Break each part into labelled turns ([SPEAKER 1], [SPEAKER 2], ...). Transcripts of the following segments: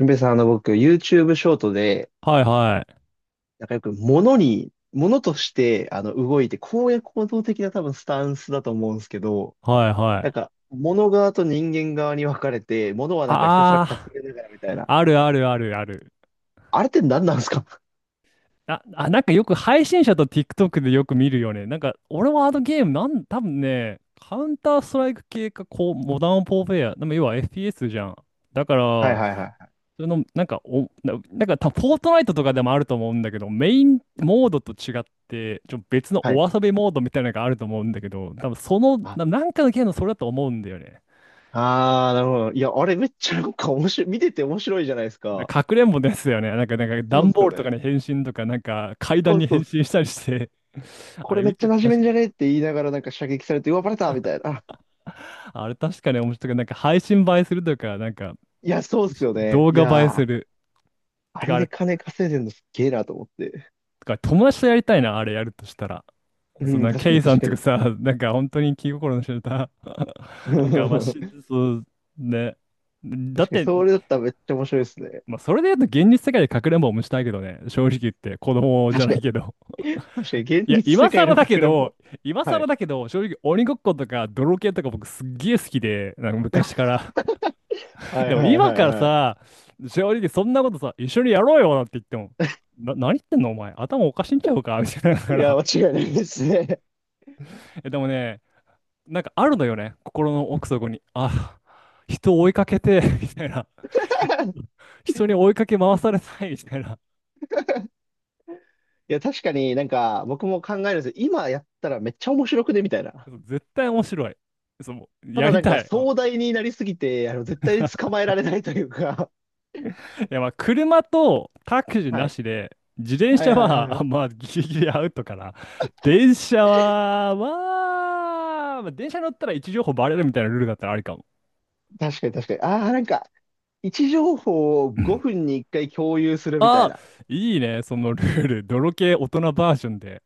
[SPEAKER 1] ゆんべさん、僕、YouTube ショートで、
[SPEAKER 2] はいはい。
[SPEAKER 1] なんかよく、物として、動いて、公約行動的な多分、スタンスだと思うんですけど、
[SPEAKER 2] はいは
[SPEAKER 1] なん
[SPEAKER 2] い。
[SPEAKER 1] か、物側と人間側に分かれて、物はなんかひたすら隠
[SPEAKER 2] あ
[SPEAKER 1] れながらみたいな。
[SPEAKER 2] あ、あるあるあるある。
[SPEAKER 1] あれって何なんですか？
[SPEAKER 2] なんかよく配信者と TikTok でよく見るよね。なんか俺はあのゲーム、多分ね、カウンターストライク系か、こう、モダンポーフェア。でも要は FPS じゃん。だか
[SPEAKER 1] はい
[SPEAKER 2] ら、
[SPEAKER 1] はいはい
[SPEAKER 2] その、なんかお、な、なんかた、フォートナイトとかでもあると思うんだけど、メインモードと違って、別の
[SPEAKER 1] はい。はい。
[SPEAKER 2] お遊びモードみたいなのがあると思うんだけど、多分その、
[SPEAKER 1] あ、
[SPEAKER 2] なんかのゲームのそれだと思うんだよね。
[SPEAKER 1] あー、なるほど。いや、あれめっちゃなんか面白い、見てて面白いじゃないですか。
[SPEAKER 2] かくれんぼですよね。なんか、
[SPEAKER 1] そうっ
[SPEAKER 2] 段
[SPEAKER 1] す
[SPEAKER 2] ボ
[SPEAKER 1] よ
[SPEAKER 2] ールとか
[SPEAKER 1] ね。
[SPEAKER 2] に変身とか、なんか、階
[SPEAKER 1] そ
[SPEAKER 2] 段
[SPEAKER 1] う
[SPEAKER 2] に
[SPEAKER 1] そう
[SPEAKER 2] 変
[SPEAKER 1] っす。
[SPEAKER 2] 身したりして、あ
[SPEAKER 1] こ
[SPEAKER 2] れ
[SPEAKER 1] れめっ
[SPEAKER 2] 見
[SPEAKER 1] ち
[SPEAKER 2] て
[SPEAKER 1] ゃ
[SPEAKER 2] て
[SPEAKER 1] 馴染め
[SPEAKER 2] 確
[SPEAKER 1] ん
[SPEAKER 2] か
[SPEAKER 1] じ
[SPEAKER 2] に、
[SPEAKER 1] ゃねって言いながらなんか射撃されて、うわ、バレたみたいな。あ
[SPEAKER 2] あれ確かに面白い。なんか、配信映えするとか、なんか、
[SPEAKER 1] いや、そうっす
[SPEAKER 2] し
[SPEAKER 1] よね。
[SPEAKER 2] 動
[SPEAKER 1] い
[SPEAKER 2] 画映えす
[SPEAKER 1] やー、
[SPEAKER 2] る。
[SPEAKER 1] あ
[SPEAKER 2] てか、
[SPEAKER 1] れ
[SPEAKER 2] あれ、
[SPEAKER 1] で
[SPEAKER 2] て
[SPEAKER 1] 金稼いでるのすっげえなと思って。
[SPEAKER 2] か、友達とやりたいな、あれやるとしたら。
[SPEAKER 1] う
[SPEAKER 2] そん
[SPEAKER 1] ん、
[SPEAKER 2] な、
[SPEAKER 1] 確か
[SPEAKER 2] ケ
[SPEAKER 1] に
[SPEAKER 2] イさ
[SPEAKER 1] 確
[SPEAKER 2] ん
[SPEAKER 1] か
[SPEAKER 2] とか
[SPEAKER 1] に。
[SPEAKER 2] さ、なんか、本当に気心の知れた なんか、まあ、し、そう、ね。だ
[SPEAKER 1] 確
[SPEAKER 2] っ
[SPEAKER 1] かに、
[SPEAKER 2] て、
[SPEAKER 1] それだったらめっちゃ面白いですね。
[SPEAKER 2] まあ、それで言うと、現実世界でかくれんぼもしたいけどね。正直言って、子供じゃ
[SPEAKER 1] 確
[SPEAKER 2] な
[SPEAKER 1] か
[SPEAKER 2] い
[SPEAKER 1] に、
[SPEAKER 2] けど。
[SPEAKER 1] 確かに、現
[SPEAKER 2] いや、
[SPEAKER 1] 実
[SPEAKER 2] 今
[SPEAKER 1] 世界
[SPEAKER 2] 更
[SPEAKER 1] の
[SPEAKER 2] だ
[SPEAKER 1] か
[SPEAKER 2] け
[SPEAKER 1] くれんぼ。
[SPEAKER 2] ど、今
[SPEAKER 1] は
[SPEAKER 2] 更
[SPEAKER 1] い。
[SPEAKER 2] だけど、正直鬼ごっことか泥系とか僕すっげえ好きで、なんか昔から。
[SPEAKER 1] はい
[SPEAKER 2] でも
[SPEAKER 1] はい
[SPEAKER 2] 今
[SPEAKER 1] はい
[SPEAKER 2] から
[SPEAKER 1] はい。
[SPEAKER 2] さ、正直そんなことさ、一緒にやろうよなんて言っても、何言ってんのお前、頭おかしいんちゃうかみたいなだか
[SPEAKER 1] いや、
[SPEAKER 2] ら。
[SPEAKER 1] 間違いないですね。
[SPEAKER 2] え、でもね、なんかあるのよね、心の奥底に。あ、人を追いかけて、みたいな。人に追いかけ回されたい、みたいな。
[SPEAKER 1] いや、確かになんか、僕も考えるんですよ。今やったらめっちゃ面白くねみたいな。
[SPEAKER 2] 絶対面白い。そう、
[SPEAKER 1] た
[SPEAKER 2] や
[SPEAKER 1] だ
[SPEAKER 2] り
[SPEAKER 1] なんか、
[SPEAKER 2] たい。
[SPEAKER 1] 壮大になりすぎて、絶対に 捕まえられないというか。
[SPEAKER 2] いやまあ車とタクシ ー
[SPEAKER 1] は
[SPEAKER 2] な
[SPEAKER 1] い。
[SPEAKER 2] しで、自転
[SPEAKER 1] はい
[SPEAKER 2] 車
[SPEAKER 1] はいは
[SPEAKER 2] はあ
[SPEAKER 1] い。
[SPEAKER 2] まあギリギリアウトかな。電車は、まあ、まあ、電車乗ったら位置情報バレるみたいなルールだったらありかも。
[SPEAKER 1] 確かに確かに。ああ、なんか、位置情報を5分に1回共有するみた
[SPEAKER 2] あ
[SPEAKER 1] い
[SPEAKER 2] あ、
[SPEAKER 1] な。
[SPEAKER 2] いいね、そのルール。泥系大人バージョンで。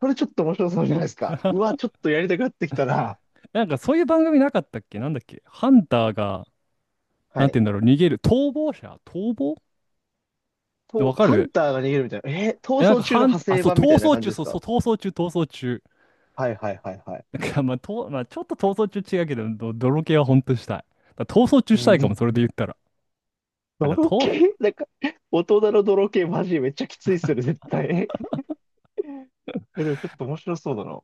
[SPEAKER 1] これちょっと面白そうじゃないですか。うわ、ちょっとやりたくなってきたな。
[SPEAKER 2] なんかそういう番組なかったっけなんだっけハンターが、
[SPEAKER 1] は
[SPEAKER 2] なん
[SPEAKER 1] い。
[SPEAKER 2] て言うんだろう、逃げる。逃亡者逃亡わ
[SPEAKER 1] と、
[SPEAKER 2] か
[SPEAKER 1] ハ
[SPEAKER 2] る
[SPEAKER 1] ンターが逃げるみたいな。
[SPEAKER 2] え、
[SPEAKER 1] 逃
[SPEAKER 2] なんか
[SPEAKER 1] 走中の
[SPEAKER 2] ハン、
[SPEAKER 1] 派
[SPEAKER 2] あ、
[SPEAKER 1] 生
[SPEAKER 2] そう、
[SPEAKER 1] 版みた
[SPEAKER 2] 逃
[SPEAKER 1] いな
[SPEAKER 2] 走
[SPEAKER 1] 感
[SPEAKER 2] 中、
[SPEAKER 1] じです
[SPEAKER 2] そうそう、
[SPEAKER 1] か？
[SPEAKER 2] 逃走中、逃走中。
[SPEAKER 1] はいはいはいはい。
[SPEAKER 2] なんか、まあ、ちょっと逃走中違うけど、ど泥系はほんとしたい。だから逃走中
[SPEAKER 1] う
[SPEAKER 2] したいかも、
[SPEAKER 1] ん。
[SPEAKER 2] それで言ったら。あ、じゃあ、
[SPEAKER 1] 泥
[SPEAKER 2] と、
[SPEAKER 1] 系なんか、大人の泥系マジめっちゃきついっすよね、絶対。え、でもちょっと面白そうだな。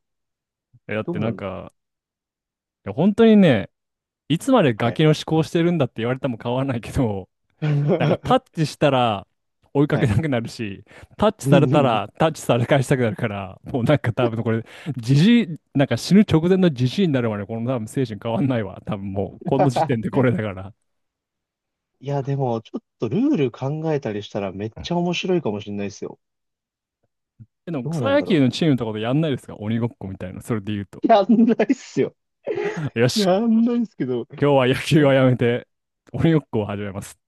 [SPEAKER 2] え、だっ
[SPEAKER 1] ど
[SPEAKER 2] て
[SPEAKER 1] うな
[SPEAKER 2] なん
[SPEAKER 1] るんだ。
[SPEAKER 2] か、いや、本当にね、いつまでガ
[SPEAKER 1] はい。
[SPEAKER 2] キの思考してるんだって言われても変わらないけど、なんかタッ チしたら追いか
[SPEAKER 1] は
[SPEAKER 2] け
[SPEAKER 1] い。
[SPEAKER 2] なくなるし、タッチされたら タッチされ返したくなるから、もうなんか多分これ、じじい、なんか死ぬ直前のじじいになるまで、この多分精神変わんないわ。多分もう、この時点でこれだから。
[SPEAKER 1] いや、でも、ちょっとルール考えたりしたらめっちゃ面白いかもしれないですよ。
[SPEAKER 2] えでも
[SPEAKER 1] どう
[SPEAKER 2] 草
[SPEAKER 1] なん
[SPEAKER 2] 野
[SPEAKER 1] だ
[SPEAKER 2] 球
[SPEAKER 1] ろ
[SPEAKER 2] のチームとかでやんないですか鬼ごっこみたいな、それで言うと。
[SPEAKER 1] う。やんないっすよ。
[SPEAKER 2] よし。
[SPEAKER 1] やんないっすけど。
[SPEAKER 2] 今日は野球
[SPEAKER 1] あ
[SPEAKER 2] はやめて、鬼ごっこを始めます。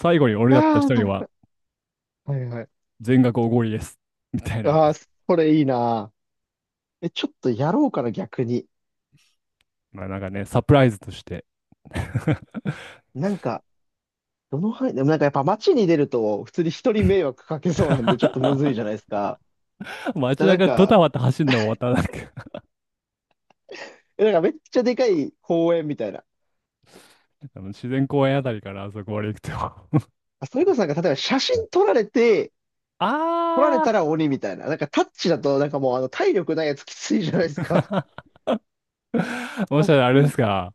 [SPEAKER 2] 最後に俺だった
[SPEAKER 1] あ
[SPEAKER 2] 人には
[SPEAKER 1] ー、はいはいはい。
[SPEAKER 2] 全額おごりです。みたいな。
[SPEAKER 1] ああ、それいいな。え、ちょっとやろうかな、逆に。
[SPEAKER 2] まあなんかね、サプライズとして。
[SPEAKER 1] なんか、どの範囲、でもなんかやっぱ街に出ると、普通に人に迷惑かけそうなんで、ちょっとむずいじゃないですか。
[SPEAKER 2] 街
[SPEAKER 1] なん
[SPEAKER 2] 中ド
[SPEAKER 1] か、
[SPEAKER 2] タバタ走るのもまたなんか
[SPEAKER 1] なんかめっちゃでかい公園みたいな。
[SPEAKER 2] あの自然公園あたりからあそこまで行くと
[SPEAKER 1] あ、それこそなんか、例えば写真撮られて、
[SPEAKER 2] あ
[SPEAKER 1] 撮られたら鬼みたいな。なんかタッチだと、なんかもう体力ないやつきついじゃないで
[SPEAKER 2] ー
[SPEAKER 1] すか。
[SPEAKER 2] もしかし
[SPEAKER 1] 写
[SPEAKER 2] たらあれで
[SPEAKER 1] 真
[SPEAKER 2] すか。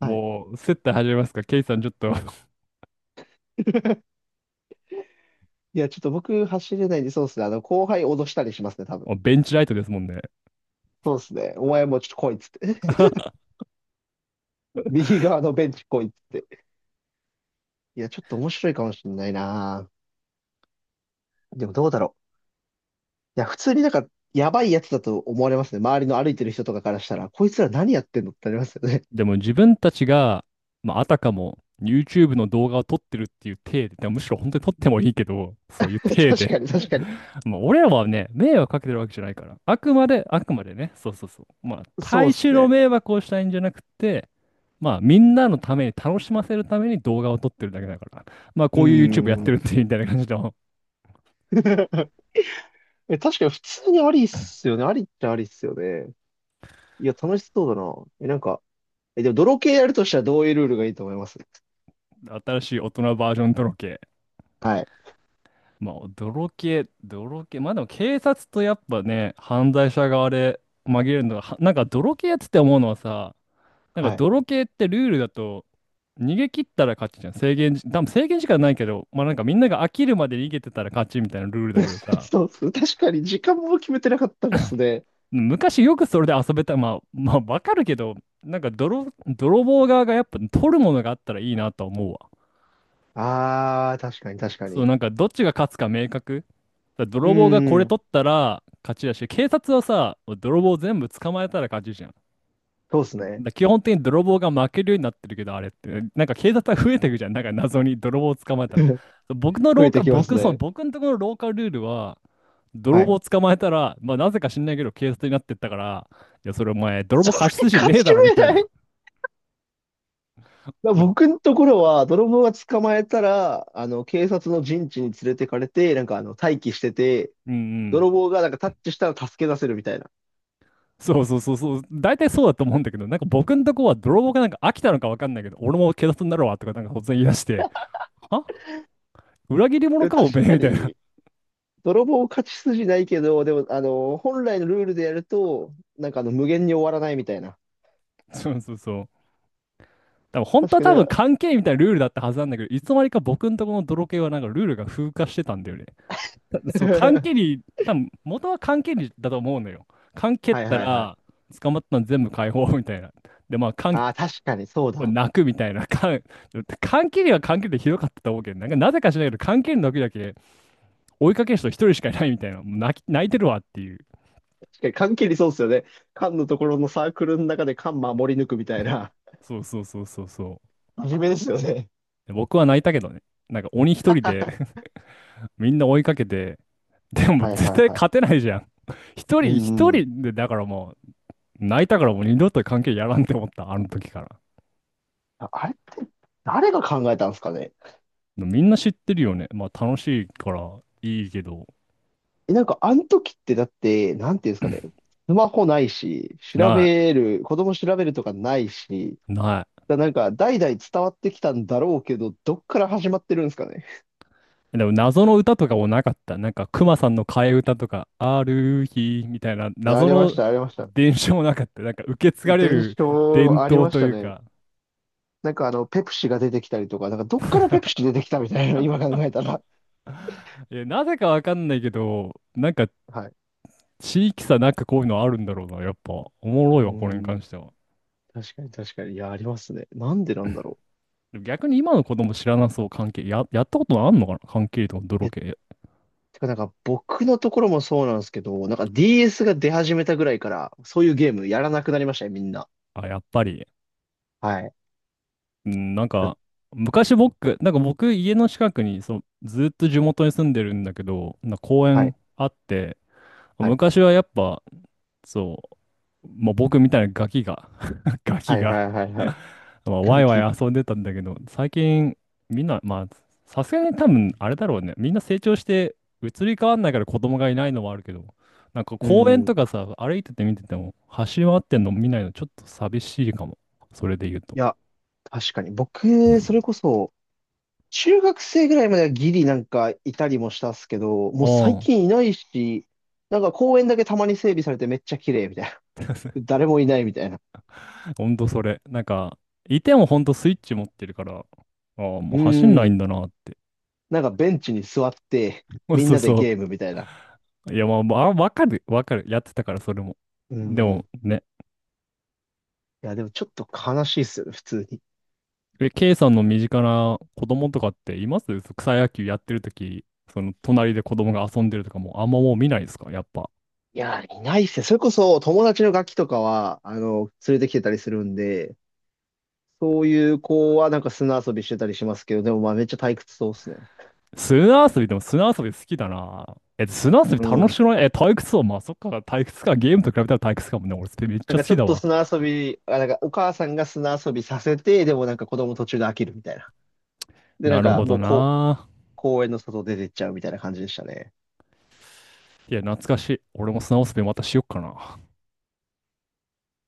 [SPEAKER 1] はい。
[SPEAKER 2] もう、接待始めますか。ケイさんちょっと
[SPEAKER 1] いや、ちょっと僕走れないんで、そうっすね。後輩脅したりしますね、多分。
[SPEAKER 2] もうベンチライトですもんね。
[SPEAKER 1] そうっすね。お前もうちょっと来いっつって。右側のベンチ来いっつって。いや、ちょっと面白いかもしれないな。でもどうだろう。いや、普通になんか、やばいやつだと思われますね。周りの歩いてる人とかからしたら、こいつら何やってんのってなりますよね。
[SPEAKER 2] でも自分たちが、まあ、あたかも YouTube の動画を撮ってるっていう体で、でもむしろ本当に撮ってもいいけど、そういう体
[SPEAKER 1] 確
[SPEAKER 2] で
[SPEAKER 1] かに、確かに。
[SPEAKER 2] まあ俺らはね、迷惑かけてるわけじゃないから。あくまでね、そうそうそう。まあ、
[SPEAKER 1] そうっ
[SPEAKER 2] 大
[SPEAKER 1] す
[SPEAKER 2] 衆の
[SPEAKER 1] ね。
[SPEAKER 2] 迷惑をしたいんじゃなくて、まあ、みんなのために、楽しませるために動画を撮ってるだけだから。まあ、
[SPEAKER 1] うー
[SPEAKER 2] こういう YouTube やってるっ
[SPEAKER 1] ん。
[SPEAKER 2] ていうみたいな感じの、
[SPEAKER 1] え、確かに普通にありっすよね。ありっちゃありっすよね。いや、楽しそうだな。え、なんか、でも泥系やるとしたらどういうルールがいいと思います？
[SPEAKER 2] 新しい大人バージョンとろけ。
[SPEAKER 1] はい。
[SPEAKER 2] まあ、泥系。まあでも警察とやっぱね、犯罪者側で紛れるのが、はなんか泥系やつってて思うのはさ、なんか
[SPEAKER 1] はい。
[SPEAKER 2] 泥系ってルールだと、逃げ切ったら勝ちじゃん。制限時、多分制限時間ないけど、まあなんかみんなが飽きるまで逃げてたら勝ちみたいなルールだけど さ、
[SPEAKER 1] そうっす。確かに、時間も決めてなかったですね。
[SPEAKER 2] 昔よくそれで遊べた、まあわかるけど、なんか泥棒側がやっぱ取るものがあったらいいなとは思うわ。
[SPEAKER 1] あー、確かに、確か
[SPEAKER 2] そう、
[SPEAKER 1] に。
[SPEAKER 2] なんかどっちが勝つか明確。だから
[SPEAKER 1] う
[SPEAKER 2] 泥棒がこ
[SPEAKER 1] ー
[SPEAKER 2] れ
[SPEAKER 1] ん。
[SPEAKER 2] 取ったら勝ちだし、警察はさ、泥棒全部捕まえたら勝ちじゃん。
[SPEAKER 1] そうっす
[SPEAKER 2] だか
[SPEAKER 1] ね。
[SPEAKER 2] ら基本的に泥棒が負けるようになってるけど、あれって、なんか警察が増えていくじゃん。なんか謎に泥棒を捕まえたら。
[SPEAKER 1] 増えてきますね。
[SPEAKER 2] 僕のところの廊下ルールは、
[SPEAKER 1] は
[SPEAKER 2] 泥棒
[SPEAKER 1] い。
[SPEAKER 2] を捕まえたら、まあなぜか知んないけど警察になってったから、いや、それお前、泥
[SPEAKER 1] そ
[SPEAKER 2] 棒過
[SPEAKER 1] れ
[SPEAKER 2] 失心
[SPEAKER 1] 勝
[SPEAKER 2] ねえ
[SPEAKER 1] ち
[SPEAKER 2] だろみ
[SPEAKER 1] 目
[SPEAKER 2] たい
[SPEAKER 1] な
[SPEAKER 2] な。
[SPEAKER 1] い。だ
[SPEAKER 2] まあ
[SPEAKER 1] 僕のところは、泥棒が捕まえたら、警察の陣地に連れてかれて、なんか待機してて、
[SPEAKER 2] うんう
[SPEAKER 1] 泥
[SPEAKER 2] ん。
[SPEAKER 1] 棒がなんかタッチしたら助け出せるみたいな。
[SPEAKER 2] そうそうそうそう、大体そうだと思うんだけど、なんか僕のとこは泥棒がなんか飽きたのかわかんないけど、俺も警察になるわとかなんか突然言い出して、あ裏切り
[SPEAKER 1] で
[SPEAKER 2] 者
[SPEAKER 1] も
[SPEAKER 2] か
[SPEAKER 1] 確
[SPEAKER 2] おめえ
[SPEAKER 1] か
[SPEAKER 2] みたいな。
[SPEAKER 1] に、泥棒勝ち筋ないけど、でも、本来のルールでやると、なんか無限に終わらないみたいな。
[SPEAKER 2] そうそうそう。多分本当
[SPEAKER 1] 確
[SPEAKER 2] は
[SPEAKER 1] か
[SPEAKER 2] 多分
[SPEAKER 1] に。
[SPEAKER 2] 関係みたいなルールだったはずなんだけど、いつの間にか僕のとこの泥系はなんかルールが風化してたんだよね。たそう、関係 に、多分元は関係にだと思うのよ。関係っ
[SPEAKER 1] はい
[SPEAKER 2] た
[SPEAKER 1] はいは
[SPEAKER 2] ら
[SPEAKER 1] い。
[SPEAKER 2] 捕まったの全部解放みたいな。で、まあ、関
[SPEAKER 1] ああ、確かにそうだ。
[SPEAKER 2] 泣くみたいな。関 関係には関係でひどかったと思うけど、なんかなぜか知らないけど、関係の時だけ追いかける人一人しかいないみたいな、もう泣き、泣いてるわっていう。
[SPEAKER 1] 確かに、缶切りそうですよね。缶のところのサークルの中で缶守り抜くみたいな。
[SPEAKER 2] そうそうそうそうそう。
[SPEAKER 1] 真面目ですよね。
[SPEAKER 2] で僕は泣いたけどね。なんか鬼一人で みんな追いかけて、でも
[SPEAKER 1] はいは
[SPEAKER 2] 絶対
[SPEAKER 1] いはい。
[SPEAKER 2] 勝てないじゃん。一人
[SPEAKER 1] うん
[SPEAKER 2] 一
[SPEAKER 1] うん。
[SPEAKER 2] 人で、だからもう泣いたからもう二度と関係やらんって思った、あの時から。
[SPEAKER 1] ああれ、誰が考えたんですかね。
[SPEAKER 2] でもみんな知ってるよね。まあ楽しいからいいけど、
[SPEAKER 1] なんか、あの時ってだって、なんていうんですかね。スマホないし、調
[SPEAKER 2] な
[SPEAKER 1] べる、子供調べるとかないし、
[SPEAKER 2] い、ない。
[SPEAKER 1] だなんか、代々伝わってきたんだろうけど、どっから始まってるんですかね。
[SPEAKER 2] でも謎の歌とかもなかった。なんか、熊さんの替え歌とか、ある日みたいな
[SPEAKER 1] あ
[SPEAKER 2] 謎
[SPEAKER 1] りまし
[SPEAKER 2] の
[SPEAKER 1] た、ありました。
[SPEAKER 2] 伝承もなかった。なんか、受け継がれ
[SPEAKER 1] 伝
[SPEAKER 2] る
[SPEAKER 1] 承
[SPEAKER 2] 伝
[SPEAKER 1] あり
[SPEAKER 2] 統
[SPEAKER 1] まし
[SPEAKER 2] と
[SPEAKER 1] た
[SPEAKER 2] いう
[SPEAKER 1] ね。
[SPEAKER 2] か。
[SPEAKER 1] なんかペプシが出てきたりとか、なんかどっからペプシ出てきたみたいな、今考えたら。
[SPEAKER 2] いやなぜかわかんないけど、なんか、
[SPEAKER 1] はい。
[SPEAKER 2] 地域差なんかこういうのあるんだろうな。やっぱ、おもろい
[SPEAKER 1] う
[SPEAKER 2] わ、これに関
[SPEAKER 1] ん。
[SPEAKER 2] しては。
[SPEAKER 1] 確かに確かに。いや、ありますね。なんでなんだろ
[SPEAKER 2] でも逆に今の子供知らなそう、関係。や、やったことあんのかな関係とか泥
[SPEAKER 1] う。
[SPEAKER 2] 系。
[SPEAKER 1] てかなんか僕のところもそうなんですけど、なんか DS が出始めたぐらいから、そういうゲームやらなくなりましたね、みんな。
[SPEAKER 2] あ、やっぱり。
[SPEAKER 1] はい。
[SPEAKER 2] うん、なんか、昔僕、なんか僕、家の近くに、そう、ずっと地元に住んでるんだけど、なんか公園あって、昔はやっぱ、そう、まあ、僕みたいなガキが、ガキ
[SPEAKER 1] はいは
[SPEAKER 2] が、
[SPEAKER 1] いはいはい。はいはい
[SPEAKER 2] まあ、ワ
[SPEAKER 1] 楽
[SPEAKER 2] イワ
[SPEAKER 1] 器
[SPEAKER 2] イ
[SPEAKER 1] が。
[SPEAKER 2] 遊んでたんだけど、最近、みんな、まあ、さすがに多分、あれだろうね。みんな成長して、移り変わんないから子供がいないのはあるけど、なんか
[SPEAKER 1] う
[SPEAKER 2] 公園
[SPEAKER 1] ん。
[SPEAKER 2] と
[SPEAKER 1] い
[SPEAKER 2] かさ、歩いてて見てても、走り回ってんの見ないのちょっと寂しいかも。それで言うと。
[SPEAKER 1] や、確かに。僕、それこそ、中学生ぐらいまではギリなんかいたりもしたっすけど、もう最
[SPEAKER 2] あ
[SPEAKER 1] 近いないし、なんか公園だけたまに整備されてめっちゃ綺麗みたい
[SPEAKER 2] あ。
[SPEAKER 1] な。誰もいないみたいな。
[SPEAKER 2] ほんとそれ。なんか、いてもほんとスイッチ持ってるから、ああ、もう
[SPEAKER 1] う
[SPEAKER 2] 走んない
[SPEAKER 1] ん。
[SPEAKER 2] んだなって。
[SPEAKER 1] なんかベンチに座って、みん
[SPEAKER 2] そう
[SPEAKER 1] なで
[SPEAKER 2] そ
[SPEAKER 1] ゲー
[SPEAKER 2] う。
[SPEAKER 1] ムみたいな。
[SPEAKER 2] いや、まあ、わかる。やってたから、それも。
[SPEAKER 1] う
[SPEAKER 2] で
[SPEAKER 1] ん。い
[SPEAKER 2] もね、
[SPEAKER 1] や、でもちょっと悲しいっすよね、普通に。
[SPEAKER 2] え、K さんの身近な子供とかっていますそ草野球やってるとき、その隣で子供が遊んでるとかも、あんまもう見ないですかやっぱ。
[SPEAKER 1] いや、いないっすね。それこそ友達のガキとかは、連れてきてたりするんで、そういう子はなんか砂遊びしてたりしますけど、でもまあめっちゃ退屈そうっすね。
[SPEAKER 2] 砂遊びでも砂遊び好きだな。え、砂遊び
[SPEAKER 1] う
[SPEAKER 2] 楽
[SPEAKER 1] ん。
[SPEAKER 2] しくないえ、退屈そう。まあ、そっか、退屈か。ゲームと比べたら退屈かもね。俺、それめっち
[SPEAKER 1] な
[SPEAKER 2] ゃ
[SPEAKER 1] ん
[SPEAKER 2] 好
[SPEAKER 1] かち
[SPEAKER 2] き
[SPEAKER 1] ょっ
[SPEAKER 2] だ
[SPEAKER 1] と
[SPEAKER 2] わ。
[SPEAKER 1] 砂遊び、あ、なんかお母さんが砂遊びさせて、でもなんか子供途中で飽きるみたいな。で、なん
[SPEAKER 2] なるほ
[SPEAKER 1] かも
[SPEAKER 2] ど
[SPEAKER 1] うこう、
[SPEAKER 2] な。
[SPEAKER 1] 公園の外出てっちゃうみたいな感じでしたね。
[SPEAKER 2] いや、懐かしい。俺も砂遊びまたしよっかな。